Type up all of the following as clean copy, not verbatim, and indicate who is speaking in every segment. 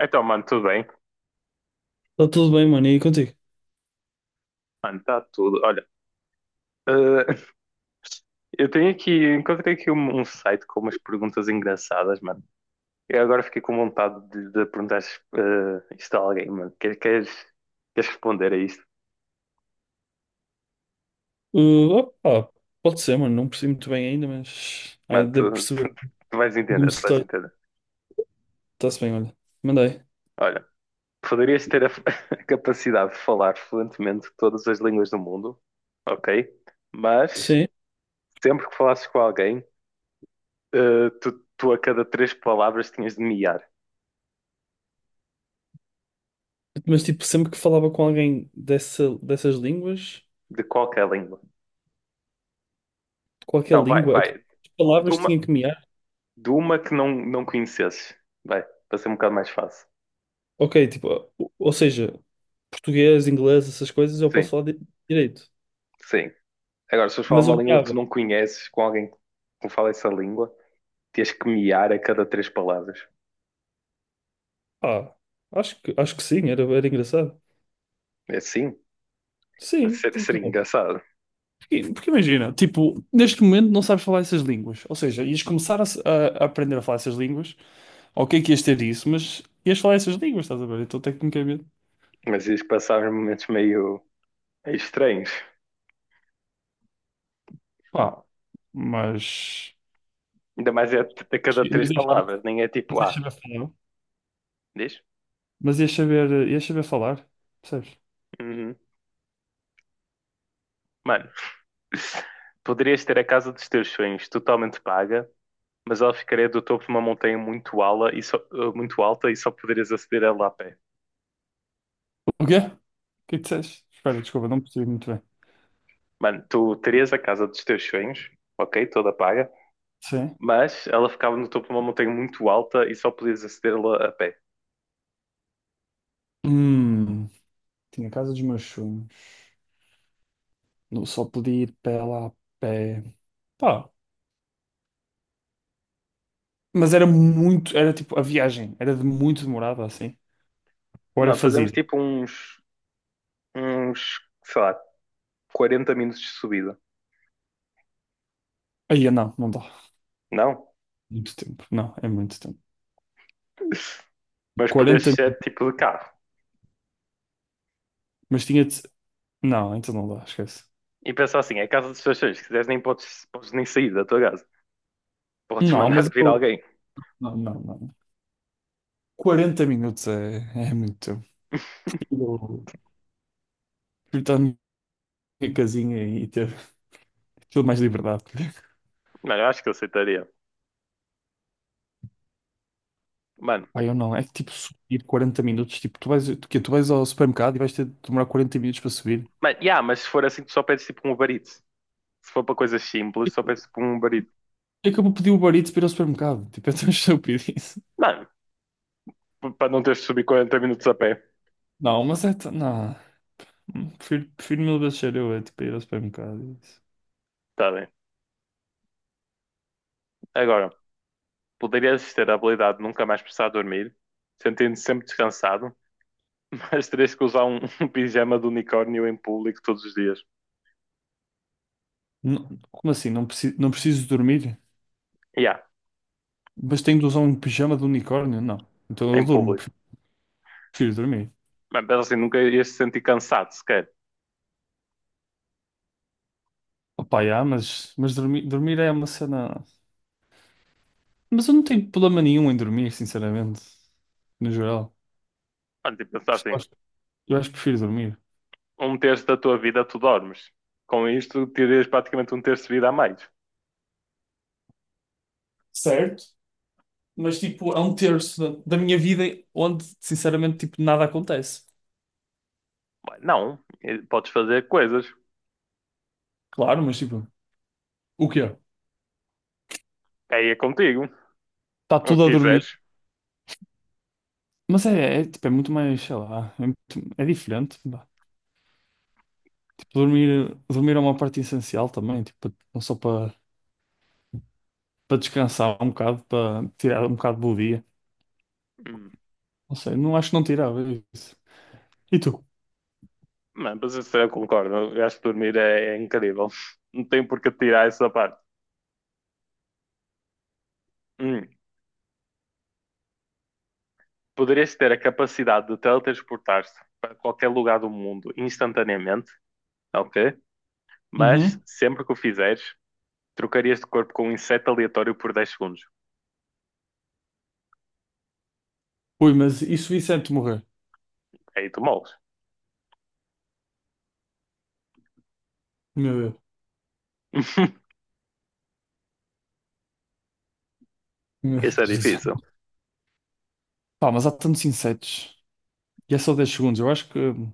Speaker 1: Então, mano, tudo bem?
Speaker 2: Está tudo bem, mano, e contigo?
Speaker 1: Mano, tá tudo. Olha, eh, eu tenho aqui, encontrei aqui um site com umas perguntas engraçadas, mano. Eu agora fiquei com vontade de perguntar isto a alguém, mano. Queres responder a isto?
Speaker 2: Uh, Opa, pode ser, mano, não percebi muito bem ainda, mas
Speaker 1: Mano,
Speaker 2: devo perceber.
Speaker 1: tu vais entender, tu vais
Speaker 2: Começar,
Speaker 1: entender.
Speaker 2: está-se bem, olha. Mandei.
Speaker 1: Olha, poderias ter a capacidade de falar fluentemente todas as línguas do mundo, ok? Mas
Speaker 2: Sim,
Speaker 1: sempre que falasses com alguém, eh, tu, tu a cada três palavras tinhas de miar,
Speaker 2: mas tipo, sempre que falava com alguém dessas línguas,
Speaker 1: de qualquer língua.
Speaker 2: qualquer
Speaker 1: Não, vai,
Speaker 2: língua,
Speaker 1: vai.
Speaker 2: aquelas
Speaker 1: De
Speaker 2: palavras
Speaker 1: uma,
Speaker 2: tinha que mear.
Speaker 1: de uma que não conhecesses. Vai, para ser um bocado mais fácil.
Speaker 2: Ok, tipo, ou seja, português, inglês, essas coisas eu posso
Speaker 1: Sim,
Speaker 2: falar direito.
Speaker 1: sim. Agora, se fores falar
Speaker 2: Mas
Speaker 1: uma
Speaker 2: eu
Speaker 1: língua que tu
Speaker 2: meava.
Speaker 1: não conheces com alguém que fala essa língua, tens que miar a cada três palavras.
Speaker 2: Ah, acho que sim, era engraçado.
Speaker 1: É assim?
Speaker 2: Sim, porque
Speaker 1: Seria
Speaker 2: não?
Speaker 1: engraçado.
Speaker 2: Porque imagina, tipo, neste momento não sabes falar essas línguas. Ou seja, ias começar a, se- a aprender a falar essas línguas. Ok, que ias ter isso, mas ias falar essas línguas, estás a ver? Então, tecnicamente,
Speaker 1: Mas ias passar uns momentos meio estranhos.
Speaker 2: pá, mas.
Speaker 1: Ainda mais é a cada três
Speaker 2: Mas ias saber,
Speaker 1: palavras. Nem é
Speaker 2: mas
Speaker 1: tipo,
Speaker 2: ias
Speaker 1: ah,
Speaker 2: saber falar.
Speaker 1: diz?
Speaker 2: Mas ias saber falar, percebes?
Speaker 1: Uhum. Mano, poderias ter a casa dos teus sonhos totalmente paga, mas ela ficaria do topo de uma montanha muito alta e só poderias aceder a ela a pé.
Speaker 2: O quê? O que é que disseste? Espera, desculpa, não percebi muito bem.
Speaker 1: Mano, tu terias a casa dos teus sonhos, ok, toda paga,
Speaker 2: Sim.
Speaker 1: mas ela ficava no topo de uma montanha muito alta e só podias acedê-la a pé.
Speaker 2: Hum, Tinha a casa dos meus sonhos. Não só podia ir pé lá a pé. Pá, mas era muito, a viagem era de muito demorada assim. Hora
Speaker 1: Mano, fazemos
Speaker 2: fazida.
Speaker 1: tipo uns, sei lá, 40 minutos de subida,
Speaker 2: Aí, não, não dá.
Speaker 1: não?
Speaker 2: Muito tempo. Não, é muito tempo.
Speaker 1: Mas
Speaker 2: 40,
Speaker 1: podes ser tipo de carro.
Speaker 2: mas tinha de... Não, então não dá, esquece.
Speaker 1: E pensar assim, é a casa dos teus sonhos, se quiseres nem podes, podes nem sair da tua casa. Podes
Speaker 2: Não, mas
Speaker 1: mandar vir
Speaker 2: eu...
Speaker 1: alguém.
Speaker 2: Não, não, não. 40 minutos é muito tempo. Eu fui estar na minha casinha e ter tudo mais liberdade.
Speaker 1: Mano, eu acho que eu aceitaria. Mano,
Speaker 2: Pai, eu não. É que tipo subir 40 minutos. Tipo, tu vais, tu, quê? Tu vais ao supermercado e vais ter de demorar 40 minutos para subir.
Speaker 1: mano, yeah, mas se for assim, tu só pedes tipo um Uber Eats. Se for para coisas simples, só
Speaker 2: Tipo,
Speaker 1: peço por um barito.
Speaker 2: é que eu vou pedir o Uber Eats para ir ao supermercado. Tipo, é tão estúpido isso.
Speaker 1: Mano, para não teres de subir 40 minutos a pé.
Speaker 2: Não, mas é tão- não. Prefiro mil vezes ser eu, é tipo, ir ao supermercado.
Speaker 1: Tá bem. Agora, poderias ter a habilidade de nunca mais precisar dormir, sentindo-te sempre descansado, mas terias que usar um pijama de unicórnio em público todos os dias.
Speaker 2: Como assim? Não preciso dormir?
Speaker 1: Yeah,
Speaker 2: Mas tenho de usar um pijama de unicórnio? Não. Então eu
Speaker 1: em
Speaker 2: durmo,
Speaker 1: público.
Speaker 2: prefiro dormir.
Speaker 1: Mas pensa assim, nunca ias te sentir cansado sequer.
Speaker 2: Opa, já, mas dormir é uma cena. Mas eu não tenho problema nenhum em dormir, sinceramente. No geral.
Speaker 1: Mano, tipo, pensar
Speaker 2: Por eu
Speaker 1: assim,
Speaker 2: acho eu acho que prefiro dormir.
Speaker 1: um terço da tua vida tu dormes. Com isto, terias praticamente um terço de vida a mais.
Speaker 2: Certo, mas tipo, é um terço da minha vida onde, sinceramente, tipo, nada acontece.
Speaker 1: Bem, não, podes fazer coisas.
Speaker 2: Claro, mas tipo, o quê?
Speaker 1: Aí é contigo,
Speaker 2: Está
Speaker 1: o
Speaker 2: tudo a
Speaker 1: que
Speaker 2: dormir.
Speaker 1: quiseres.
Speaker 2: Mas tipo, é muito mais, sei lá, é, é diferente. Dormir é uma parte essencial também, tipo, não só para descansar um bocado, para tirar um bocado do dia. Não sei, não acho que não tirava isso. E tu?
Speaker 1: Não, mas isso eu concordo. Eu acho que dormir é incrível. Não tem por que tirar essa parte. Hum. Poderias ter a capacidade de teletransportar te para qualquer lugar do mundo instantaneamente, ok? Mas
Speaker 2: Uhum.
Speaker 1: sempre que o fizeres, trocarias de corpo com um inseto aleatório por 10 segundos.
Speaker 2: Ui, mas e se o inseto morrer?
Speaker 1: Aí tu moles.
Speaker 2: Meu Deus. Meu
Speaker 1: Isso é
Speaker 2: Jesus.
Speaker 1: difícil.
Speaker 2: Pá, mas há tantos insetos. E é só 10 segundos. Eu acho que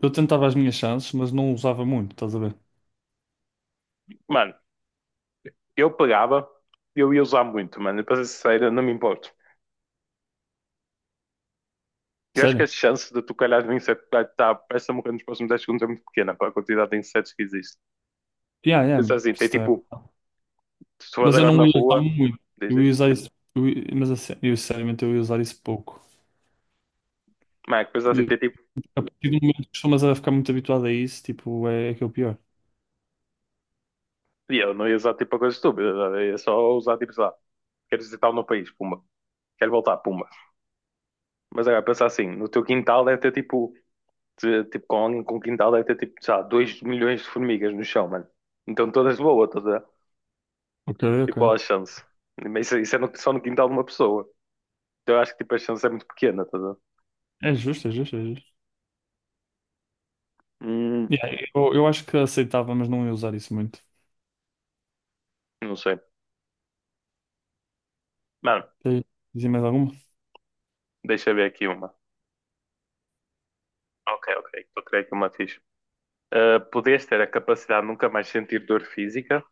Speaker 2: eu tentava as minhas chances, mas não usava muito, estás a ver?
Speaker 1: Mano, eu pegava, eu ia usar muito, mano. E para ser sincero, não me importo. Eu acho que
Speaker 2: Sério?
Speaker 1: as chances de tu calhar no inseto que vai estar a peça morrer nos próximos 10 segundos é muito pequena para a quantidade de insetos que existe.
Speaker 2: Yeah, yeah.
Speaker 1: Pensa assim, tem
Speaker 2: Isso também.
Speaker 1: tipo, se tu fores
Speaker 2: Mas eu
Speaker 1: agora na
Speaker 2: não ia usar
Speaker 1: rua,
Speaker 2: muito. Eu
Speaker 1: dizes,
Speaker 2: ia usar isso. Mas assim, eu, sinceramente eu ia usar isso pouco.
Speaker 1: mas é que coisa assim, tem tipo,
Speaker 2: A partir do momento que costumas a ficar muito habituado a isso, tipo, é que é o pior.
Speaker 1: e eu não ia usar tipo a coisa estúpida, sabe? Eu ia só usar tipo, sei lá, quero visitar o meu país, pumba, quero voltar, pumba. Mas agora, pensa assim, no teu quintal deve ter tipo, tipo com alguém com quintal deve ter tipo, sei lá, 2 milhões de formigas no chão, mano. Então todas de boa, estás a ver?
Speaker 2: Ok,
Speaker 1: E qual
Speaker 2: ok.
Speaker 1: a chance? Mas isso é só no quintal de uma pessoa. Então eu acho que tipo, a chance é muito pequena, estás a ver?
Speaker 2: É justo, é justo, é justo.
Speaker 1: Hum,
Speaker 2: Yeah, eu acho que aceitava, mas não ia usar isso muito.
Speaker 1: não sei. Mano,
Speaker 2: Quer dizer mais alguma?
Speaker 1: deixa eu ver aqui uma. Ok, ok, estou a criar aqui uma ficha. Podias ter a capacidade de nunca mais sentir dor física,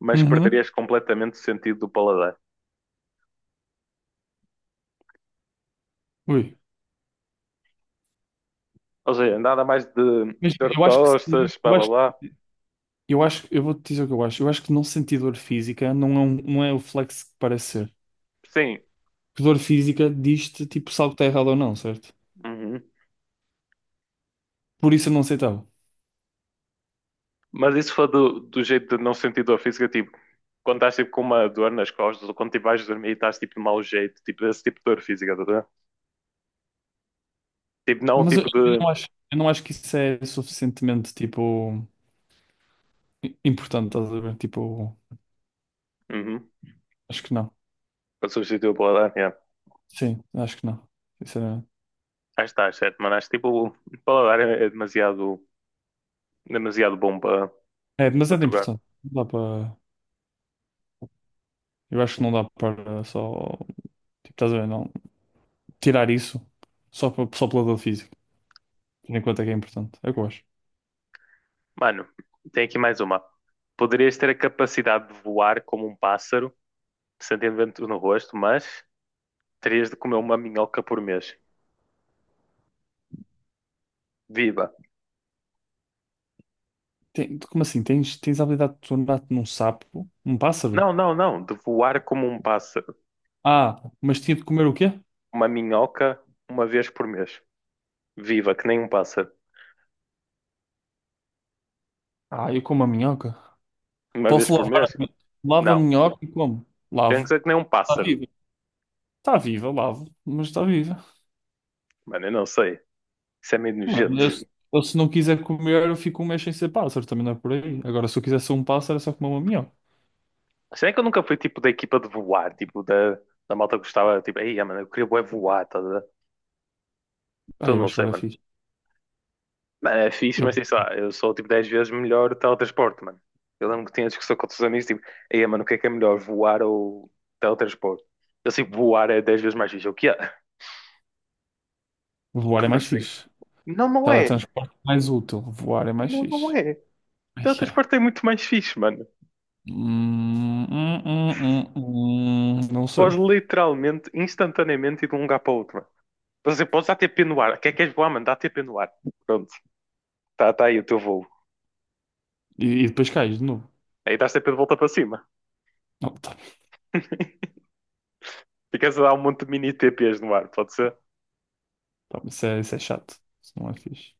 Speaker 1: mas
Speaker 2: Uhum.
Speaker 1: perderias completamente o sentido do paladar.
Speaker 2: Ui.
Speaker 1: Ou seja, nada mais de
Speaker 2: Mas
Speaker 1: dor de
Speaker 2: eu acho que sim.
Speaker 1: costas, blá
Speaker 2: Eu
Speaker 1: blá
Speaker 2: acho,
Speaker 1: blá.
Speaker 2: eu acho, eu vou-te dizer o que eu acho. Eu acho que não sentir dor física não é o flex que parece ser.
Speaker 1: Sim,
Speaker 2: Porque dor física diz-te, tipo, se algo está errado ou não, certo?
Speaker 1: uhum.
Speaker 2: Por isso eu não aceitava.
Speaker 1: Mas isso foi do jeito de não sentir dor física, tipo, quando estás tipo, com uma dor nas costas, ou quando tipo, vais dormir e estás tipo de mau jeito, tipo, esse tipo de dor física, tá, a tipo, não
Speaker 2: Mas eu,
Speaker 1: tipo
Speaker 2: eu
Speaker 1: de.
Speaker 2: não acho que isso é suficientemente, tipo, importante, estás a ver? Tipo,
Speaker 1: Uhum.
Speaker 2: acho que não.
Speaker 1: Para substituir o paladar, yeah.
Speaker 2: Sim, acho que não, sinceramente.
Speaker 1: Acho que está certo, mano. Acho que tipo, o paladar é demasiado bom para,
Speaker 2: É
Speaker 1: para
Speaker 2: demasiado
Speaker 1: trocar.
Speaker 2: importante. Não dá para. Eu acho que não dá para só. Tipo, estás a ver, não. Tirar isso só, para, só pelo lado físico. Tendo em conta que é importante. É o que eu acho.
Speaker 1: Mano, tem aqui mais uma. Poderias ter a capacidade de voar como um pássaro, sentindo vento no rosto, mas terias de comer uma minhoca por mês. Viva!
Speaker 2: Como assim? Tens a habilidade de tornar-te num sapo? Um pássaro?
Speaker 1: Não, não, não. De voar como um pássaro.
Speaker 2: Ah, mas tinha de comer o quê?
Speaker 1: Uma minhoca uma vez por mês. Viva, que nem um pássaro.
Speaker 2: Ah, eu como a minhoca.
Speaker 1: Uma vez
Speaker 2: Posso
Speaker 1: por
Speaker 2: lavar a
Speaker 1: mês?
Speaker 2: minhoca? Lavo a
Speaker 1: Não.
Speaker 2: minhoca e como? Lavo.
Speaker 1: Pensa que nem um
Speaker 2: Está
Speaker 1: pássaro.
Speaker 2: viva. Está viva, lavo. Mas está viva.
Speaker 1: Mano, eu não sei. Isso é meio
Speaker 2: Mano,
Speaker 1: nojento.
Speaker 2: eu se não quiser comer, eu fico um mês sem ser pássaro, também não é por aí. Agora, se eu quiser ser um pássaro, é só comer uma minhoca.
Speaker 1: Será que eu nunca fui tipo da equipa de voar? Tipo, da malta que gostava, tipo, ei, mano, eu queria bué voar, tá? A ver?
Speaker 2: Ah,
Speaker 1: Então
Speaker 2: eu
Speaker 1: não
Speaker 2: acho que
Speaker 1: sei,
Speaker 2: vai dar
Speaker 1: mano.
Speaker 2: fixe.
Speaker 1: Mano, é fixe,
Speaker 2: Eu,
Speaker 1: mas sei lá, eu sou tipo 10 vezes melhor o teletransporte, mano. Eu lembro que tinha discussão com outros amigos, tipo, ei, mano, o que é melhor, voar ou teletransporte? Eu sei que voar é 10 vezes mais fixe. Eu, o que é?
Speaker 2: Voar é
Speaker 1: Como
Speaker 2: mais
Speaker 1: assim?
Speaker 2: fixe.
Speaker 1: Não, não é.
Speaker 2: Teletransporte é mais útil. Voar é mais
Speaker 1: Não, não
Speaker 2: fixe.
Speaker 1: é.
Speaker 2: Ai, é.
Speaker 1: Teletransporte é muito mais fixe, mano.
Speaker 2: Não
Speaker 1: Podes
Speaker 2: sei.
Speaker 1: literalmente, instantaneamente ir de um lugar para o outro, mano. Por exemplo, podes dar T p no ar. O que é que queres voar, mano? Dá TP no ar. Pronto, tá aí o teu voo.
Speaker 2: E depois cais de novo.
Speaker 1: Aí dás TP de volta para cima.
Speaker 2: Não, tá,
Speaker 1: Ficas a dar um monte de mini T p's no ar, pode ser?
Speaker 2: tá, isso é chato. Isso não é fixe.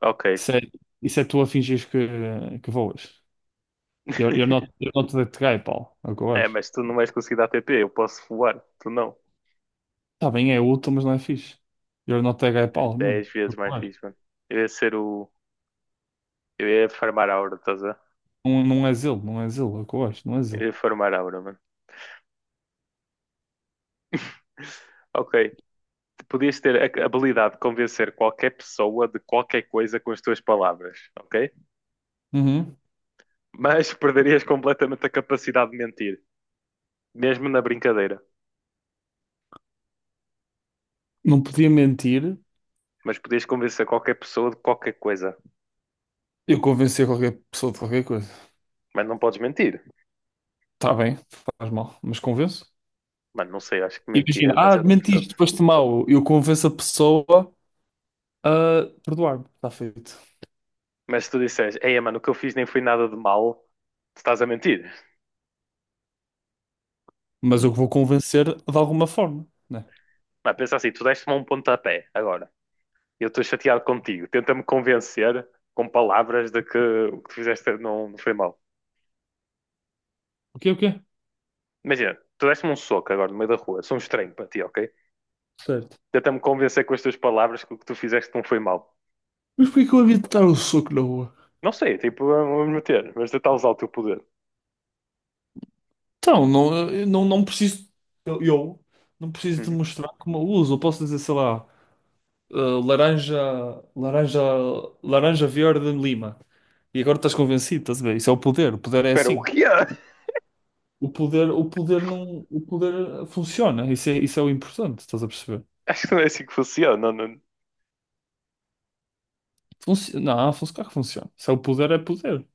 Speaker 1: Ok,
Speaker 2: Isso é, isso é tu a fingires que voas. Eu não te dei pau. É o que eu
Speaker 1: é,
Speaker 2: acho.
Speaker 1: mas tu não vais conseguir dar TP, eu posso voar, tu não.
Speaker 2: Tá bem, é útil, mas não é fixe. Eu não te dei
Speaker 1: É
Speaker 2: pau mesmo.
Speaker 1: 10
Speaker 2: É o
Speaker 1: vezes
Speaker 2: que eu
Speaker 1: mais fixe,
Speaker 2: acho.
Speaker 1: mano. Eu ia ser o. Eu ia farmar aura, estás a ver?
Speaker 2: Não, não és ele, não és ele, é o que eu acho, não é
Speaker 1: Eu
Speaker 2: zelo.
Speaker 1: ia farmar aura, mano. Ok, tu podias ter a habilidade de convencer qualquer pessoa de qualquer coisa com as tuas palavras, ok?
Speaker 2: Uhum.
Speaker 1: Mas perderias completamente a capacidade de mentir, mesmo na brincadeira.
Speaker 2: Não podia mentir,
Speaker 1: Mas podias convencer qualquer pessoa de qualquer coisa.
Speaker 2: eu convencer qualquer pessoa de qualquer coisa.
Speaker 1: Mas não podes mentir.
Speaker 2: Está bem, faz mal, mas convenço.
Speaker 1: Mano, não sei, acho que mentir é
Speaker 2: Imagina, ah,
Speaker 1: demasiado importante.
Speaker 2: mentiste, foste mal. Eu convenço a pessoa a perdoar-me, está feito.
Speaker 1: Mas se tu disseres, ei, mano, o que eu fiz nem foi nada de mal, tu estás a mentir.
Speaker 2: Mas eu vou convencer de alguma forma, né?
Speaker 1: Mas pensa assim, tu deste-me um pontapé agora. Eu estou chateado contigo. Tenta-me convencer com palavras de que o que tu fizeste não foi mal.
Speaker 2: O quê, o quê?
Speaker 1: Imagina, tu deste-me um soco agora no meio da rua. Sou um estranho para ti, ok?
Speaker 2: Certo.
Speaker 1: Tenta-me convencer com as tuas palavras que o que tu fizeste não foi mal.
Speaker 2: Mas por que eu havia de dar o soco na rua?
Speaker 1: Não sei, tipo, vamos meter, mas tentar usar o teu poder.
Speaker 2: Então, não, eu não preciso, eu não preciso
Speaker 1: Uhum.
Speaker 2: demonstrar como eu uso. Eu posso dizer, sei lá. Laranja, laranja, laranja verde lima. E agora estás convencido, estás a ver? Isso é o poder é
Speaker 1: Espera, o
Speaker 2: assim.
Speaker 1: que é?
Speaker 2: O poder não, o poder funciona, isso é o importante, estás a perceber?
Speaker 1: Acho que não é assim que funciona. Não, não.
Speaker 2: Funci não, func Claro que funciona. Se é o poder, é poder.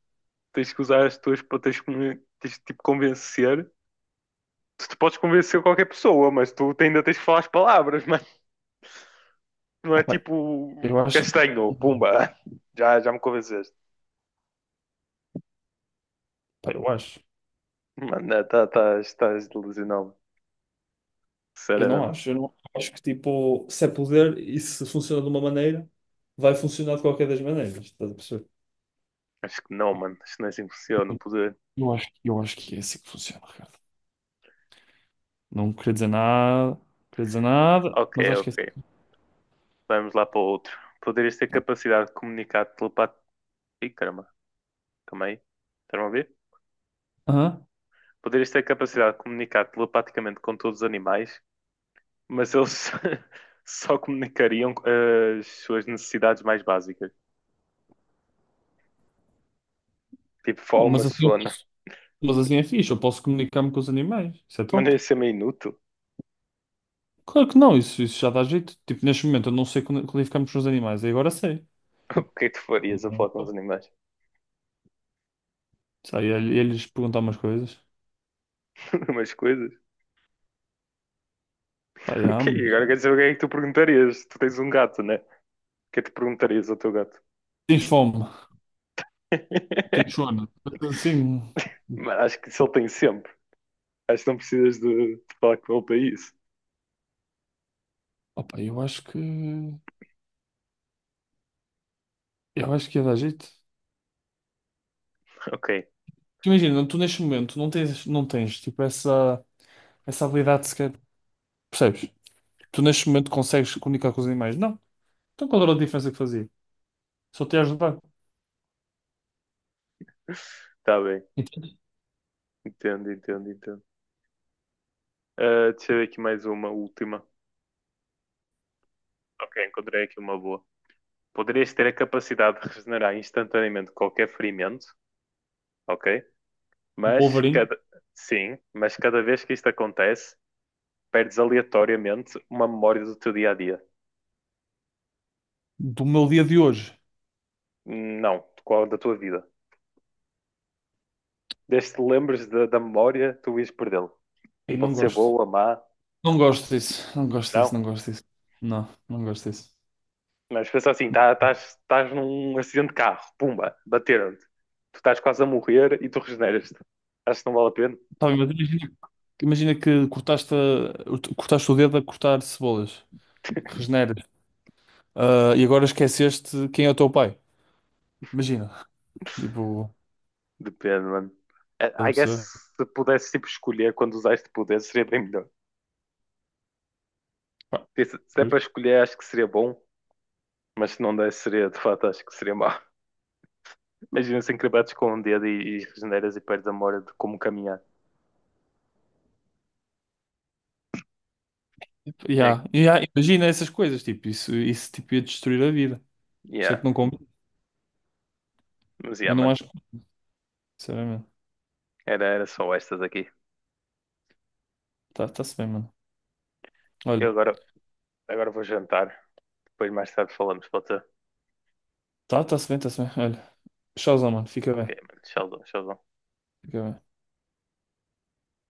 Speaker 1: Tens que usar as tuas, para tens que, tipo, convencer. Tu podes convencer qualquer pessoa, mas tu ainda tens que falar as palavras, mano. Não é
Speaker 2: Opa,
Speaker 1: tipo
Speaker 2: eu acho,
Speaker 1: castanho, pumba. Já me convenceste.
Speaker 2: pá, eu acho,
Speaker 1: Mano, não, tá, estás delusional.
Speaker 2: eu não
Speaker 1: Sinceramente.
Speaker 2: acho, eu não acho que tipo, se é poder e se funciona de uma maneira, vai funcionar de qualquer das maneiras, estás a perceber?
Speaker 1: Acho que não, mano. Acho que não é assim que funciona o poder.
Speaker 2: Eu acho que é assim que funciona, Ricardo. Não queria dizer nada, não queria dizer nada,
Speaker 1: Ok,
Speaker 2: mas acho que é
Speaker 1: ok.
Speaker 2: assim.
Speaker 1: Vamos lá para o outro. Poderias ter capacidade de comunicar telepat... Ih, caramba. Calma aí. Estão a ver?
Speaker 2: Aham.
Speaker 1: Poderias ter capacidade de comunicar telepaticamente com todos os animais, mas eles só comunicariam as suas necessidades mais básicas. Tipo
Speaker 2: Oh,
Speaker 1: fome, sono.
Speaker 2: mas assim é fixe, eu posso comunicar-me com os animais. Isso é
Speaker 1: Mas não
Speaker 2: top.
Speaker 1: ia ser meio inútil.
Speaker 2: Claro que não, isso já dá jeito. Tipo, neste momento eu não sei qualificar-me com os animais, e agora sei.
Speaker 1: O que é que tu farias a falar com os animais?
Speaker 2: Sei, eles perguntar umas coisas.
Speaker 1: Umas coisas.
Speaker 2: Pá,
Speaker 1: Ok,
Speaker 2: já, mas
Speaker 1: agora quero saber o que é que tu perguntarias. Tu tens um gato, né? O que é que tu perguntarias ao teu gato?
Speaker 2: tens fome, tens sono. Assim,
Speaker 1: Mas acho que isso ele tem sempre. Acho que não precisas de falar com ele para isso.
Speaker 2: opa, eu acho que ia dar jeito.
Speaker 1: Ok,
Speaker 2: Tu imagina, tu neste momento não tens tipo essa habilidade sequer, percebes? Tu neste momento consegues comunicar com os animais. Não. Então qual era a diferença que fazia? Só te ia ajudar.
Speaker 1: está bem.
Speaker 2: Entende?
Speaker 1: Entendo, entendo, entendo. Ah, deixa eu ver aqui mais uma, última. Ok, encontrei aqui uma boa. Poderias ter a capacidade de regenerar instantaneamente qualquer ferimento, ok?
Speaker 2: Um
Speaker 1: Mas
Speaker 2: polvarinho
Speaker 1: cada... Sim, mas cada vez que isto acontece, perdes aleatoriamente uma memória do teu dia a dia.
Speaker 2: do meu dia de hoje.
Speaker 1: Não, de qual da tua vida. Desde que te lembres da memória, tu ias perdê-lo.
Speaker 2: E não
Speaker 1: Pode ser
Speaker 2: gosto.
Speaker 1: boa, má,
Speaker 2: Não gosto disso. Não gosto disso, não
Speaker 1: não.
Speaker 2: gosto disso. Não, não gosto disso.
Speaker 1: Mas pensa assim, estás num acidente de carro, pumba, bateram-te. Tu estás quase a morrer e tu regeneras-te. Acho que não vale a pena?
Speaker 2: Tá bem, mas imagina, imagina que cortaste o dedo a cortar cebolas. Regeneras. Ah, e agora esqueceste quem é o teu pai. Imagina. Tipo,
Speaker 1: Depende, mano. I
Speaker 2: estás a
Speaker 1: I guess
Speaker 2: perceber?
Speaker 1: se pudesse tipo, escolher quando usaste poder, seria bem melhor.
Speaker 2: Pá,
Speaker 1: Se é para
Speaker 2: justo.
Speaker 1: escolher, acho que seria bom, mas se não der, seria de fato, acho que seria mau. Imagina se encrebates com um dedo e regeneras e perdes a memória de como caminhar. É,
Speaker 2: Yeah, yeah, imagina essas coisas. Tipo, isso tipo, ia destruir a vida. Por isso é
Speaker 1: yeah,
Speaker 2: que não combina.
Speaker 1: mas yeah,
Speaker 2: Eu não
Speaker 1: mano.
Speaker 2: acho. Sinceramente.
Speaker 1: Era só estas aqui.
Speaker 2: Tá, tá-se bem, mano.
Speaker 1: Eu
Speaker 2: Olha.
Speaker 1: agora Agora vou jantar. Depois mais tarde falamos, pode ser?
Speaker 2: Tá, tá-se bem, tá-se bem. Olha, tchauzão, mano. Fica
Speaker 1: Ok,
Speaker 2: bem.
Speaker 1: mano. Tchauzão, tchauzão.
Speaker 2: Fica bem.